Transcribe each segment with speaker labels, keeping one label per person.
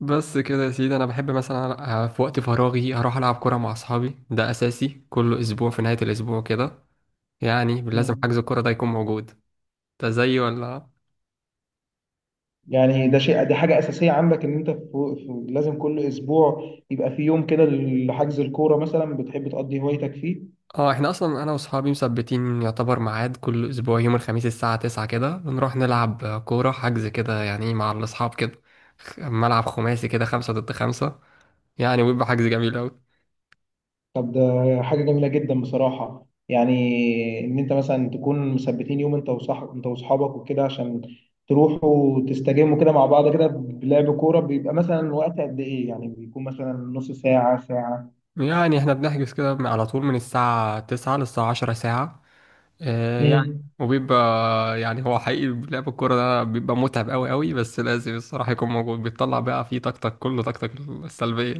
Speaker 1: بس كده يا سيدي، انا بحب مثلا في وقت فراغي اروح العب كوره مع اصحابي. ده اساسي كل اسبوع في نهايه الاسبوع كده، يعني لازم
Speaker 2: مم.
Speaker 1: حجز الكوره ده يكون موجود. ده زي ولا؟
Speaker 2: يعني ده شيء دي حاجة أساسية عندك إن أنت لازم كل أسبوع يبقى في يوم كده لحجز الكورة مثلا. بتحب تقضي هوايتك فيه؟
Speaker 1: اه، احنا اصلا انا واصحابي مثبتين يعتبر ميعاد كل اسبوع يوم الخميس الساعه 9 كده، نروح نلعب كوره حجز كده يعني مع الاصحاب كده. ملعب خماسي كده، خمسة ضد خمسة يعني، ويبقى حجز جميل أوي.
Speaker 2: طب ده حاجة جميلة جدا بصراحة، يعني إن أنت مثلا تكون مثبتين يوم، أنت وصح أنت وأصحابك وكده، عشان تروحوا تستجموا كده مع بعض كده بلعب كورة. بيبقى مثلا وقت قد إيه؟ يعني بيكون مثلا نص ساعة ساعة.
Speaker 1: يعني احنا بنحجز كده على طول من الساعة 9 للساعة 10، ساعة. يعني
Speaker 2: مم.
Speaker 1: وبيبقى، يعني هو حقيقي لعب الكورة ده بيبقى متعب أوي أوي، بس لازم الصراحة يكون موجود، بيطلع بقى فيه طاقتك كله، طاقتك السلبية.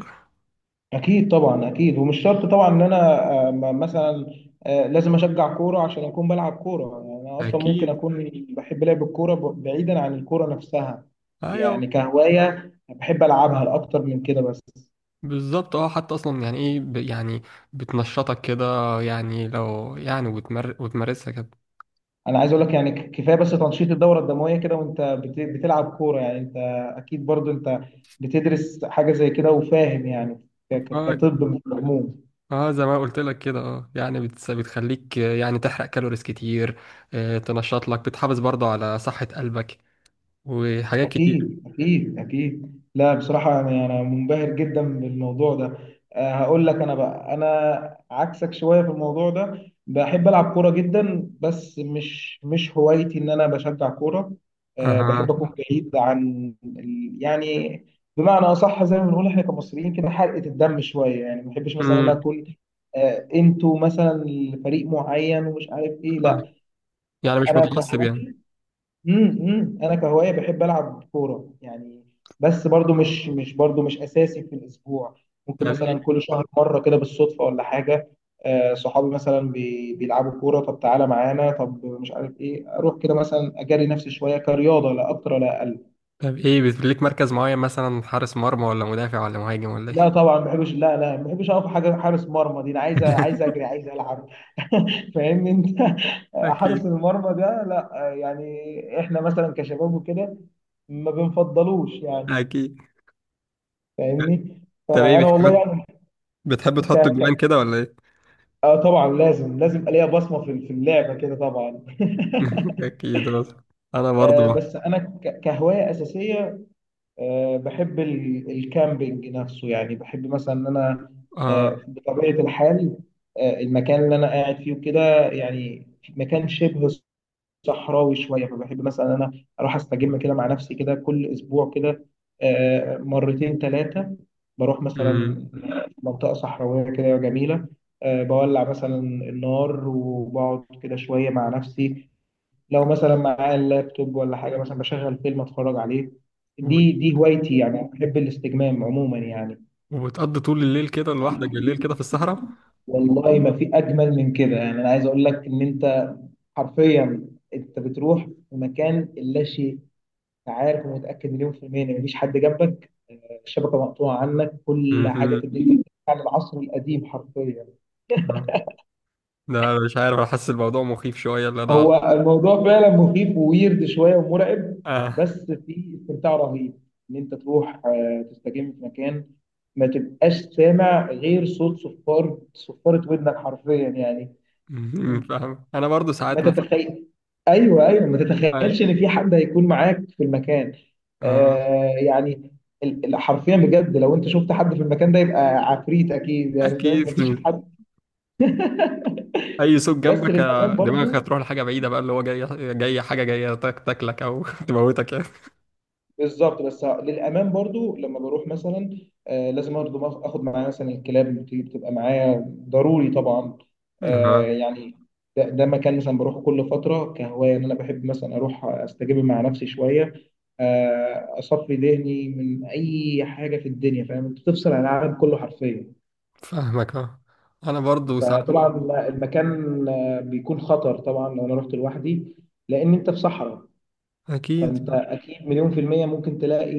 Speaker 2: اكيد طبعا اكيد. ومش شرط طبعا ان انا مثلا لازم اشجع كوره عشان اكون بلعب كوره. يعني انا اصلا ممكن
Speaker 1: أكيد.
Speaker 2: اكون بحب لعب الكوره بعيدا عن الكوره نفسها. يعني
Speaker 1: أيوه.
Speaker 2: كهوايه بحب العبها لاكتر من كده بس.
Speaker 1: بالظبط اه، حتى أصلا يعني إيه، يعني بتنشطك كده، يعني لو يعني وتمر وتمارسها كده.
Speaker 2: انا عايز اقول لك يعني كفايه بس تنشيط الدوره الدمويه كده وانت بتلعب كوره. يعني انت اكيد برضو انت بتدرس حاجه زي كده وفاهم يعني،
Speaker 1: اه.
Speaker 2: كطب في العموم.
Speaker 1: زي ما قلت لك كده، اه يعني بتخليك يعني تحرق كالوريز كتير. تنشط لك، بتحافظ برضه على صحة قلبك وحاجات كتير.
Speaker 2: أكيد أكيد أكيد. لا بصراحة، يعني أنا منبهر جدا بالموضوع ده. أه هقول لك، أنا بقى أنا عكسك شوية في الموضوع ده. بحب ألعب كورة جدا بس مش هوايتي إن أنا بشجع كورة. أه بحب
Speaker 1: اها.
Speaker 2: أكون بعيد عن يعني، بمعنى أصح زي ما بنقول إحنا كمصريين كده، حرقة الدم شوية. يعني ما بحبش مثلا أنا
Speaker 1: امم.
Speaker 2: أكون، أنتوا مثلا فريق معين ومش عارف إيه،
Speaker 1: آه.
Speaker 2: لا.
Speaker 1: يعني مش
Speaker 2: أنا
Speaker 1: متعصب يعني.
Speaker 2: كهواية، انا كهوايه بحب العب كوره، يعني بس برضو مش برضو مش اساسي في الاسبوع. ممكن
Speaker 1: طب
Speaker 2: مثلا
Speaker 1: ايه
Speaker 2: كل شهر مره كده بالصدفه ولا حاجه. صحابي مثلا بيلعبوا كوره، طب تعالى معانا، طب مش عارف ايه، اروح كده مثلا، اجري نفسي شويه كرياضه، لا اكتر ولا اقل.
Speaker 1: طب ايه بيبقى ليك مركز معين مثلا، حارس مرمى ولا مدافع ولا مهاجم ولا ايه؟
Speaker 2: لا طبعا ما بحبش، لا لا ما بحبش اقف حاجه حارس مرمى دي. انا عايز، عايز اجري، عايز العب. فاهمني انت. حارس
Speaker 1: اكيد،
Speaker 2: المرمى ده لا، يعني احنا مثلا كشباب وكده ما بنفضلوش يعني.
Speaker 1: اكيد.
Speaker 2: فاهمني.
Speaker 1: طب ايه
Speaker 2: فانا والله
Speaker 1: بتحب
Speaker 2: يعني
Speaker 1: بتحب
Speaker 2: ك...
Speaker 1: تحط الجوان
Speaker 2: ك...
Speaker 1: كده ولا ايه؟
Speaker 2: طبعا، لازم أبقى ليا بصمه في اللعبه كده طبعا.
Speaker 1: اكيد برضه. انا برضه.
Speaker 2: بس انا كهوايه اساسيه، بحب الكامبينج نفسه. يعني بحب مثلا ان انا
Speaker 1: اه.
Speaker 2: بطبيعه الحال المكان اللي انا قاعد فيه وكده يعني، مكان شبه صحراوي شويه. فبحب مثلا انا اروح استجم كده مع نفسي كده كل اسبوع كده، مرتين ثلاثه. بروح مثلا
Speaker 1: امم.
Speaker 2: منطقه صحراويه كده جميله، بولع مثلا النار وبقعد كده شويه مع نفسي. لو مثلا معايا اللابتوب ولا حاجه، مثلا بشغل فيلم اتفرج عليه.
Speaker 1: وبت-
Speaker 2: دي هوايتي. يعني بحب الاستجمام عموما يعني.
Speaker 1: وبتقضي طول الليل كده لوحدك بالليل كده في الصحراء؟
Speaker 2: والله ما في اجمل من كده. يعني انا عايز اقول لك، ان انت حرفيا انت بتروح في مكان لا شيء. أنا عارف ومتأكد 1,000,000% إن مفيش حد جنبك، الشبكة مقطوعة عنك، كل حاجة في
Speaker 1: امم.
Speaker 2: الدنيا. بترجع للعصر القديم حرفيا.
Speaker 1: آه. ده مش عارف، انا حاسس الموضوع مخيف شويه اللي انا.
Speaker 2: هو الموضوع فعلا مخيف وويرد شوية ومرعب،
Speaker 1: اه.
Speaker 2: بس في استمتاع رهيب إن أنت تروح تستجم في مكان ما تبقاش سامع غير صوت صفارة ودنك حرفيا يعني.
Speaker 1: مهم. فاهم انا برضه
Speaker 2: ما
Speaker 1: ساعات مثلا
Speaker 2: تتخيل. ايوه ايوه، ما
Speaker 1: اه
Speaker 2: تتخيلش ان في حد هيكون معاك في المكان.
Speaker 1: آه.
Speaker 2: يعني حرفيا بجد، لو انت شفت حد في المكان ده يبقى عفريت اكيد، يعني فاهم،
Speaker 1: اكيد.
Speaker 2: مفيش حد.
Speaker 1: اي صوت
Speaker 2: بس
Speaker 1: جنبك
Speaker 2: للامان
Speaker 1: دماغك
Speaker 2: برضو.
Speaker 1: هتروح لحاجه بعيده بقى، اللي هو جاي جاي حاجه جايه تاكلك او تموتك يعني.
Speaker 2: بالظبط، بس للامان برضو لما بروح مثلا، لازم برضو اخد معايا مثلا الكلاب اللي بتبقى معايا ضروري طبعا.
Speaker 1: اها.
Speaker 2: يعني ده مكان مثلا بروحه كل فتره كهوايه. ان انا بحب مثلا اروح استجيب مع نفسي شويه، اصفي ذهني من اي حاجه في الدنيا. فاهم انت بتفصل عن العالم كله حرفيا.
Speaker 1: فاهمك اه، انا برضو ساعات برضو.
Speaker 2: فطبعا المكان بيكون خطر طبعا لو انا رحت لوحدي، لان انت في صحراء.
Speaker 1: اكيد.
Speaker 2: فانت اكيد 1,000,000% ممكن تلاقي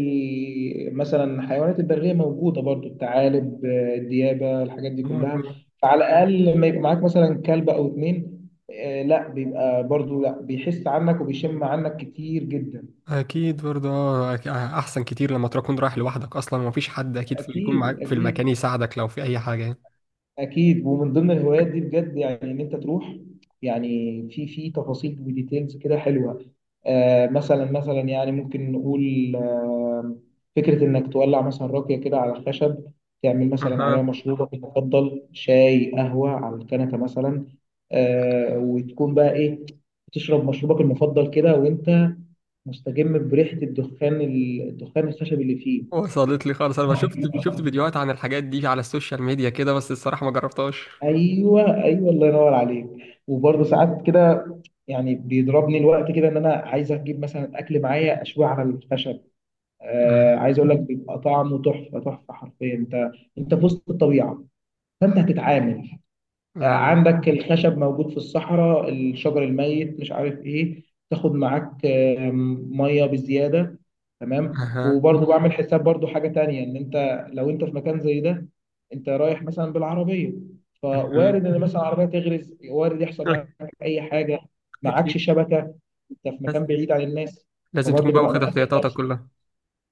Speaker 2: مثلا حيوانات البرية موجودة برضو، الثعالب الديابة، الحاجات دي كلها.
Speaker 1: آه،
Speaker 2: فعلى الاقل لما يبقى معاك مثلا كلب او اتنين، لا بيبقى برضو، لا بيحس عنك وبيشم عنك كتير جدا.
Speaker 1: اكيد برضو اه، احسن كتير لما تكون رايح لوحدك اصلا ومفيش حد اكيد في يكون
Speaker 2: اكيد
Speaker 1: معاك في المكان
Speaker 2: اكيد
Speaker 1: يساعدك لو في اي حاجه يعني.
Speaker 2: اكيد. ومن ضمن الهوايات دي بجد، يعني ان انت تروح، يعني في تفاصيل وديتيلز كده حلوه. مثلا، يعني ممكن نقول، فكره انك تولع مثلا راكيه كده على الخشب، تعمل مثلا عليها
Speaker 1: اها.
Speaker 2: مشروبك المفضل، شاي قهوه على الكنكه مثلا. وتكون بقى ايه، تشرب مشروبك المفضل كده وانت مستجم بريحه الدخان الخشب اللي فيه.
Speaker 1: وصلت لي خالص، انا شفت شفت فيديوهات عن الحاجات دي على السوشيال ميديا كده، بس الصراحه ما جربتهاش.
Speaker 2: ايوه ايوه، الله ينور عليك. وبرضه ساعات كده، يعني بيضربني الوقت كده ان انا عايز اجيب مثلا اكل معايا، اشويه على الخشب.
Speaker 1: أها.
Speaker 2: عايز اقول لك، بيبقى طعمه تحفه تحفه حرفيا. انت في وسط الطبيعه، فانت هتتعامل،
Speaker 1: لا، لا.
Speaker 2: عندك الخشب موجود في الصحراء، الشجر الميت، مش عارف ايه. تاخد معاك ميه بزياده. تمام،
Speaker 1: اها.
Speaker 2: وبرضه بعمل حساب، برضه حاجه تانية، ان انت لو انت في مكان زي ده، انت رايح مثلا بالعربيه.
Speaker 1: أها.
Speaker 2: فوارد ان مثلا العربيه تغرز، وارد يحصل معاك اي حاجه، معكش
Speaker 1: اكيد،
Speaker 2: شبكه، انت في مكان بعيد عن الناس.
Speaker 1: لازم تكون
Speaker 2: فبرضه
Speaker 1: بقى
Speaker 2: ببقى
Speaker 1: واخد
Speaker 2: مأمن
Speaker 1: احتياطاتك
Speaker 2: نفسي.
Speaker 1: كلها.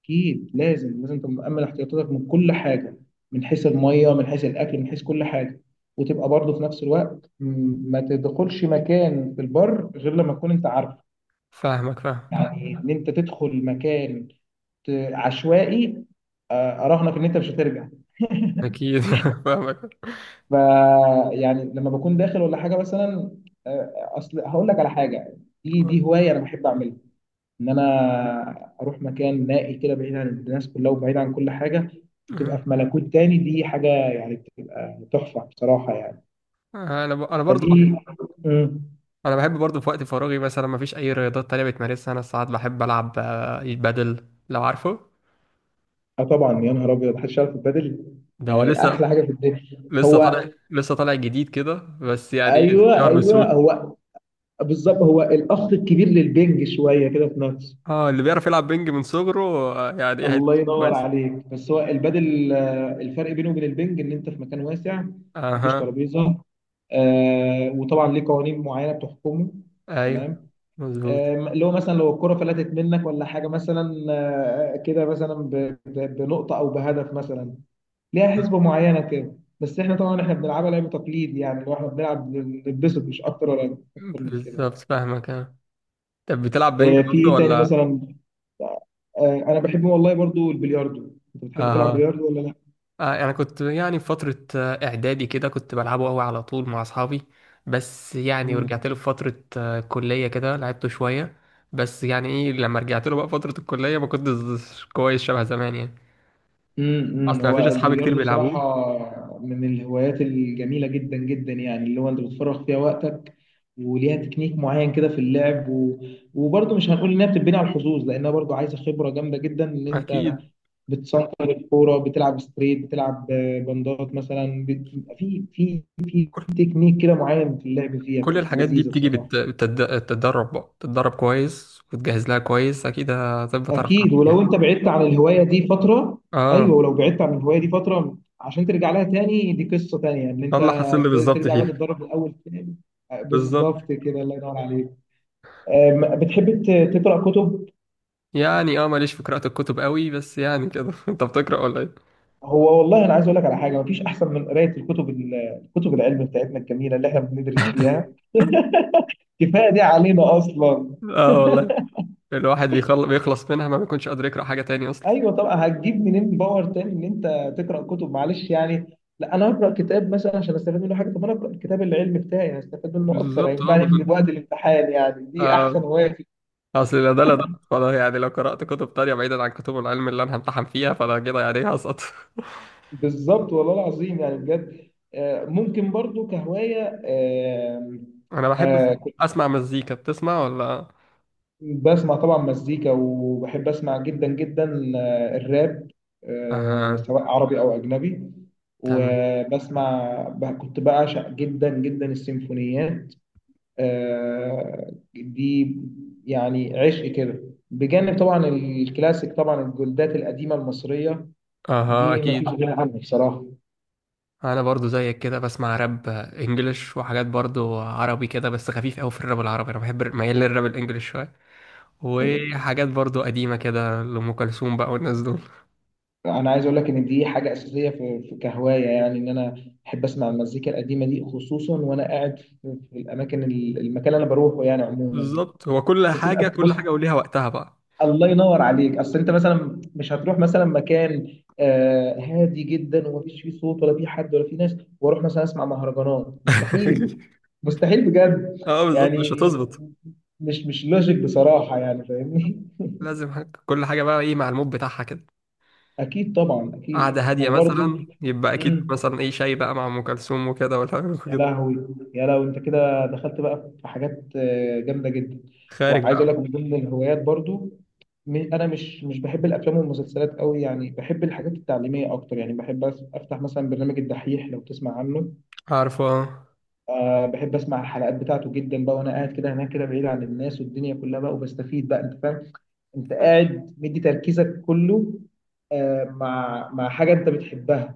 Speaker 2: اكيد لازم تبقى مأمن احتياطاتك من كل حاجه، من حيث الميه، من حيث الاكل، من حيث كل حاجه. وتبقى برضه في نفس الوقت، ما تدخلش مكان في البر غير لما تكون انت عارفه.
Speaker 1: فاهمك، فاهمك.
Speaker 2: يعني ان انت تدخل مكان عشوائي، اراهنك ان انت مش هترجع.
Speaker 1: اكيد، فاهمك.
Speaker 2: ف يعني لما بكون داخل ولا حاجه مثلا، آه، اصل هقول لك على حاجه. دي هوايه انا بحب اعملها، ان انا اروح مكان نائي كده بعيد عن الناس كلها وبعيد عن كل حاجه. وتبقى في ملكوت تاني. دي حاجه يعني بتبقى تحفه بصراحه يعني.
Speaker 1: انا ب... انا برضو
Speaker 2: فدي.
Speaker 1: بح...
Speaker 2: مم.
Speaker 1: انا بحب برضو في وقت فراغي، مثلا ما فيش اي رياضات تانية بتمارسها؟ انا ساعات بحب العب البادل، لو عارفه.
Speaker 2: اه طبعا، يا نهار ابيض، محدش يعرف البدل.
Speaker 1: ده هو
Speaker 2: يعني احلى
Speaker 1: لسه
Speaker 2: حاجه في الدنيا.
Speaker 1: لسه
Speaker 2: هو
Speaker 1: طالع لسه طالع جديد كده، بس يعني ايه
Speaker 2: ايوه
Speaker 1: شهر
Speaker 2: ايوه.
Speaker 1: بسهولة.
Speaker 2: هو بالظبط هو الاخ الكبير للبنج شويه كده في نفسه.
Speaker 1: اه، اللي بيعرف يلعب بينج من صغره يعني ايه
Speaker 2: الله
Speaker 1: هيدوس
Speaker 2: ينور
Speaker 1: كويس.
Speaker 2: عليك، بس هو البادل، الفرق بينه وبين البنج ان انت في مكان واسع، مفيش
Speaker 1: اها.
Speaker 2: ترابيزه. وطبعا ليه قوانين معينه بتحكمه.
Speaker 1: ايوه.
Speaker 2: تمام.
Speaker 1: مظبوط.
Speaker 2: اللي هو مثلا لو الكره فلتت منك ولا حاجه مثلا، كده مثلا بنقطه او بهدف مثلا، ليها حسبه معينه كده. بس احنا طبعا احنا بنلعبها لعب تقليد، يعني لو احنا بنلعب نتبسط، مش اكتر ولا اكتر من كده.
Speaker 1: بالظبط فاهمك اه. طب بتلعب بينج
Speaker 2: في
Speaker 1: برضو
Speaker 2: ايه تاني
Speaker 1: ولا؟
Speaker 2: مثلا؟ آه انا بحب والله برضو البلياردو. انت بتحب تلعب
Speaker 1: اها.
Speaker 2: بلياردو ولا لا؟
Speaker 1: انا كنت يعني في فتره اعدادي كده، كنت بلعبه قوي على طول مع اصحابي، بس يعني
Speaker 2: مم.
Speaker 1: ورجعت له في فتره كليه كده لعبته شويه. بس يعني ايه، لما رجعت له بقى فتره الكليه ما كنتش كويس شبه زمان يعني.
Speaker 2: مم. مم.
Speaker 1: اصلا مفيش
Speaker 2: هو
Speaker 1: اصحابي كتير
Speaker 2: البلياردو
Speaker 1: بيلعبوه.
Speaker 2: بصراحة من الهوايات الجميلة جدا جدا، يعني اللي هو انت بتفرغ فيها وقتك، وليها تكنيك معين كده في اللعب وبرضه مش هنقول انها بتتبني على الحظوظ، لانها برضه عايزة خبرة جامدة جدا، ان انت
Speaker 1: اكيد.
Speaker 2: بتصنطر الكورة، بتلعب ستريت، بتلعب بندات مثلا في
Speaker 1: كل
Speaker 2: تكنيك كده معين في اللعب فيها،
Speaker 1: كل
Speaker 2: بتبقى
Speaker 1: الحاجات دي
Speaker 2: لذيذة
Speaker 1: بتيجي
Speaker 2: بصراحة.
Speaker 1: بالتدرب بقى، تتدرب كويس وتجهز لها كويس اكيد هتبقى تعرف
Speaker 2: اكيد.
Speaker 1: تلعب
Speaker 2: ولو
Speaker 1: فيها.
Speaker 2: انت بعدت عن الهوايه دي فتره، ايوه
Speaker 1: اه،
Speaker 2: ولو بعدت عن الهوايه دي فتره عشان ترجع لها تاني، دي قصه تانيه ان
Speaker 1: ده
Speaker 2: انت
Speaker 1: اللي حصل لي بالظبط
Speaker 2: ترجع بقى
Speaker 1: فيها.
Speaker 2: تتدرب من الاول تاني.
Speaker 1: بالظبط.
Speaker 2: بالظبط كده، الله ينور عليك. بتحب تقرا كتب؟
Speaker 1: يعني اه، ماليش في قراءه الكتب قوي بس يعني كده. انت بتقرا ولا إيه؟
Speaker 2: هو والله انا عايز اقول لك على حاجه، مفيش احسن من قرايه الكتب، الكتب العلم بتاعتنا الجميله اللي احنا بندرس فيها. كفايه دي علينا اصلا.
Speaker 1: اه والله، الواحد بيخلص منها ما بيكونش قادر يقرأ حاجة تاني أصلا.
Speaker 2: ايوه طبعا، هتجيب منين باور تاني ان انت تقرا كتب؟ معلش، يعني لا انا هقرا كتاب مثلا عشان استفاد منه حاجه؟ طب انا اقرا الكتاب العلمي بتاعي، هستفاد منه اكتر،
Speaker 1: بالظبط اه
Speaker 2: هينفعني في وقت الامتحان، يعني دي احسن
Speaker 1: آه
Speaker 2: هوايه فيه.
Speaker 1: أصل لا ده، لا ده. فأنا يعني لو قرأت كتب تانية بعيدا عن كتب العلم اللي أنا همتحن فيها، فأنا كده يعني إيه هسقط.
Speaker 2: بالظبط والله العظيم، يعني بجد ممكن برضو كهوايه،
Speaker 1: أنا بحب
Speaker 2: كنت
Speaker 1: أسمع مزيكا، بتسمع ولا؟
Speaker 2: بسمع طبعا مزيكا، وبحب اسمع جدا جدا الراب،
Speaker 1: أها.
Speaker 2: سواء عربي او اجنبي.
Speaker 1: تمام.
Speaker 2: وبسمع كنت بعشق جدا جدا السيمفونيات. دي يعني عشق كده، بجانب طبعا الكلاسيك، طبعا الجلدات القديمه المصريه
Speaker 1: أها.
Speaker 2: دي ما فيش
Speaker 1: أكيد.
Speaker 2: غنى عنها. بصراحه.
Speaker 1: أنا برضو زيك كده بسمع راب إنجليش وحاجات برضو عربي كده، بس خفيف أوي في الراب العربي، أنا بحب ميال للراب الإنجليش شوية، وحاجات برضو قديمة كده لأم كلثوم بقى والناس دول.
Speaker 2: انا عايز اقول لك ان دي حاجه اساسيه في كهوايه، يعني ان انا احب اسمع المزيكا القديمه دي، خصوصا وانا قاعد في في الاماكن، المكان اللي انا بروحه يعني عموما.
Speaker 1: بالظبط، هو كل حاجة،
Speaker 2: بتبقى
Speaker 1: كل
Speaker 2: بص،
Speaker 1: حاجة وليها وقتها بقى.
Speaker 2: الله ينور عليك، اصل انت مثلا مش هتروح مثلا مكان هادي جدا ومفيش فيه صوت ولا فيه حد ولا فيه ناس، واروح مثلا اسمع مهرجانات؟ مستحيل. مستحيل بجد.
Speaker 1: اه بالظبط، مش
Speaker 2: يعني
Speaker 1: هتظبط.
Speaker 2: مش لوجيك بصراحة، يعني فاهمني.
Speaker 1: لازم حاجة. كل حاجة بقى ايه مع المود بتاعها كده.
Speaker 2: اكيد طبعا
Speaker 1: قعدة
Speaker 2: اكيد،
Speaker 1: هادية
Speaker 2: وبرضه.
Speaker 1: مثلا يبقى أكيد مثلا ايه شاي بقى مع أم كلثوم وكده ولا حاجة
Speaker 2: يا
Speaker 1: كده.
Speaker 2: لهوي، يا لهوي، انت كده دخلت بقى في حاجات جامده جدا.
Speaker 1: خارج
Speaker 2: وعايز اقول
Speaker 1: بقى.
Speaker 2: لك، من ضمن الهوايات برضو، انا مش بحب الافلام والمسلسلات قوي، يعني بحب الحاجات التعليميه اكتر. يعني بحب افتح مثلا برنامج الدحيح، لو تسمع عنه.
Speaker 1: عارفة آه.
Speaker 2: بحب اسمع الحلقات بتاعته جدا بقى، وانا قاعد كده هناك كده بعيد عن الناس والدنيا كلها بقى، وبستفيد بقى. انت فاهم، انت قاعد مدي تركيزك كله مع حاجه انت بتحبها،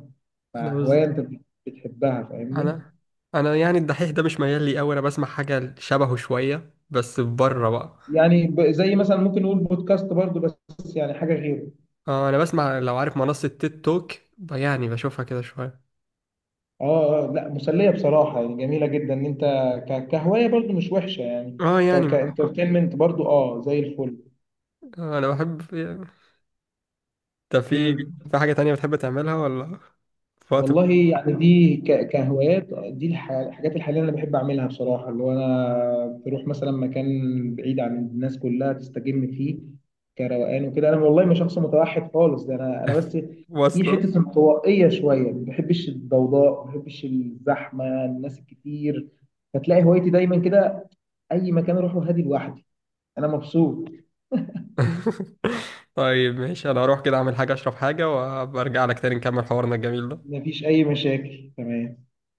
Speaker 1: أنا
Speaker 2: مع
Speaker 1: بز...
Speaker 2: هوايه انت بتحبها، فاهمني.
Speaker 1: أنا، أنا يعني الدحيح ده مش ميال لي أوي، أنا بسمع حاجة شبهه شوية بس بره بقى.
Speaker 2: يعني زي مثلا ممكن نقول بودكاست برضو، بس يعني حاجه غيره.
Speaker 1: أنا بسمع، لو عارف منصة تيك توك، يعني بشوفها كده شوية.
Speaker 2: اه، لا مسليه بصراحه، يعني جميله جدا ان انت، كهوايه برضو مش وحشه. يعني
Speaker 1: اه يعني.
Speaker 2: كانترتينمنت برضو اه زي الفل.
Speaker 1: أنا بحب. طب، في
Speaker 2: امم
Speaker 1: في حاجة تانية بتحب تعملها ولا في وقت؟
Speaker 2: والله يعني دي كهوايات، دي الحاجات الحالية اللي أنا بحب أعملها بصراحة. اللي هو أنا بروح مثلا مكان بعيد عن الناس كلها، تستجم فيه كروقان وكده. أنا والله مش شخص متوحد خالص، ده أنا بس في
Speaker 1: واصلة.
Speaker 2: حتة انطوائية شوية. ما بحبش الضوضاء، ما بحبش الزحمة الناس الكتير. فتلاقي هوايتي دايما كده، أي مكان أروحه هادي لوحدي، أنا مبسوط.
Speaker 1: طيب ماشي، أنا هروح كده أعمل حاجة أشرب حاجة وأبقى أرجع لك تاني نكمل حوارنا الجميل ده.
Speaker 2: مفيش أي مشاكل. تمام.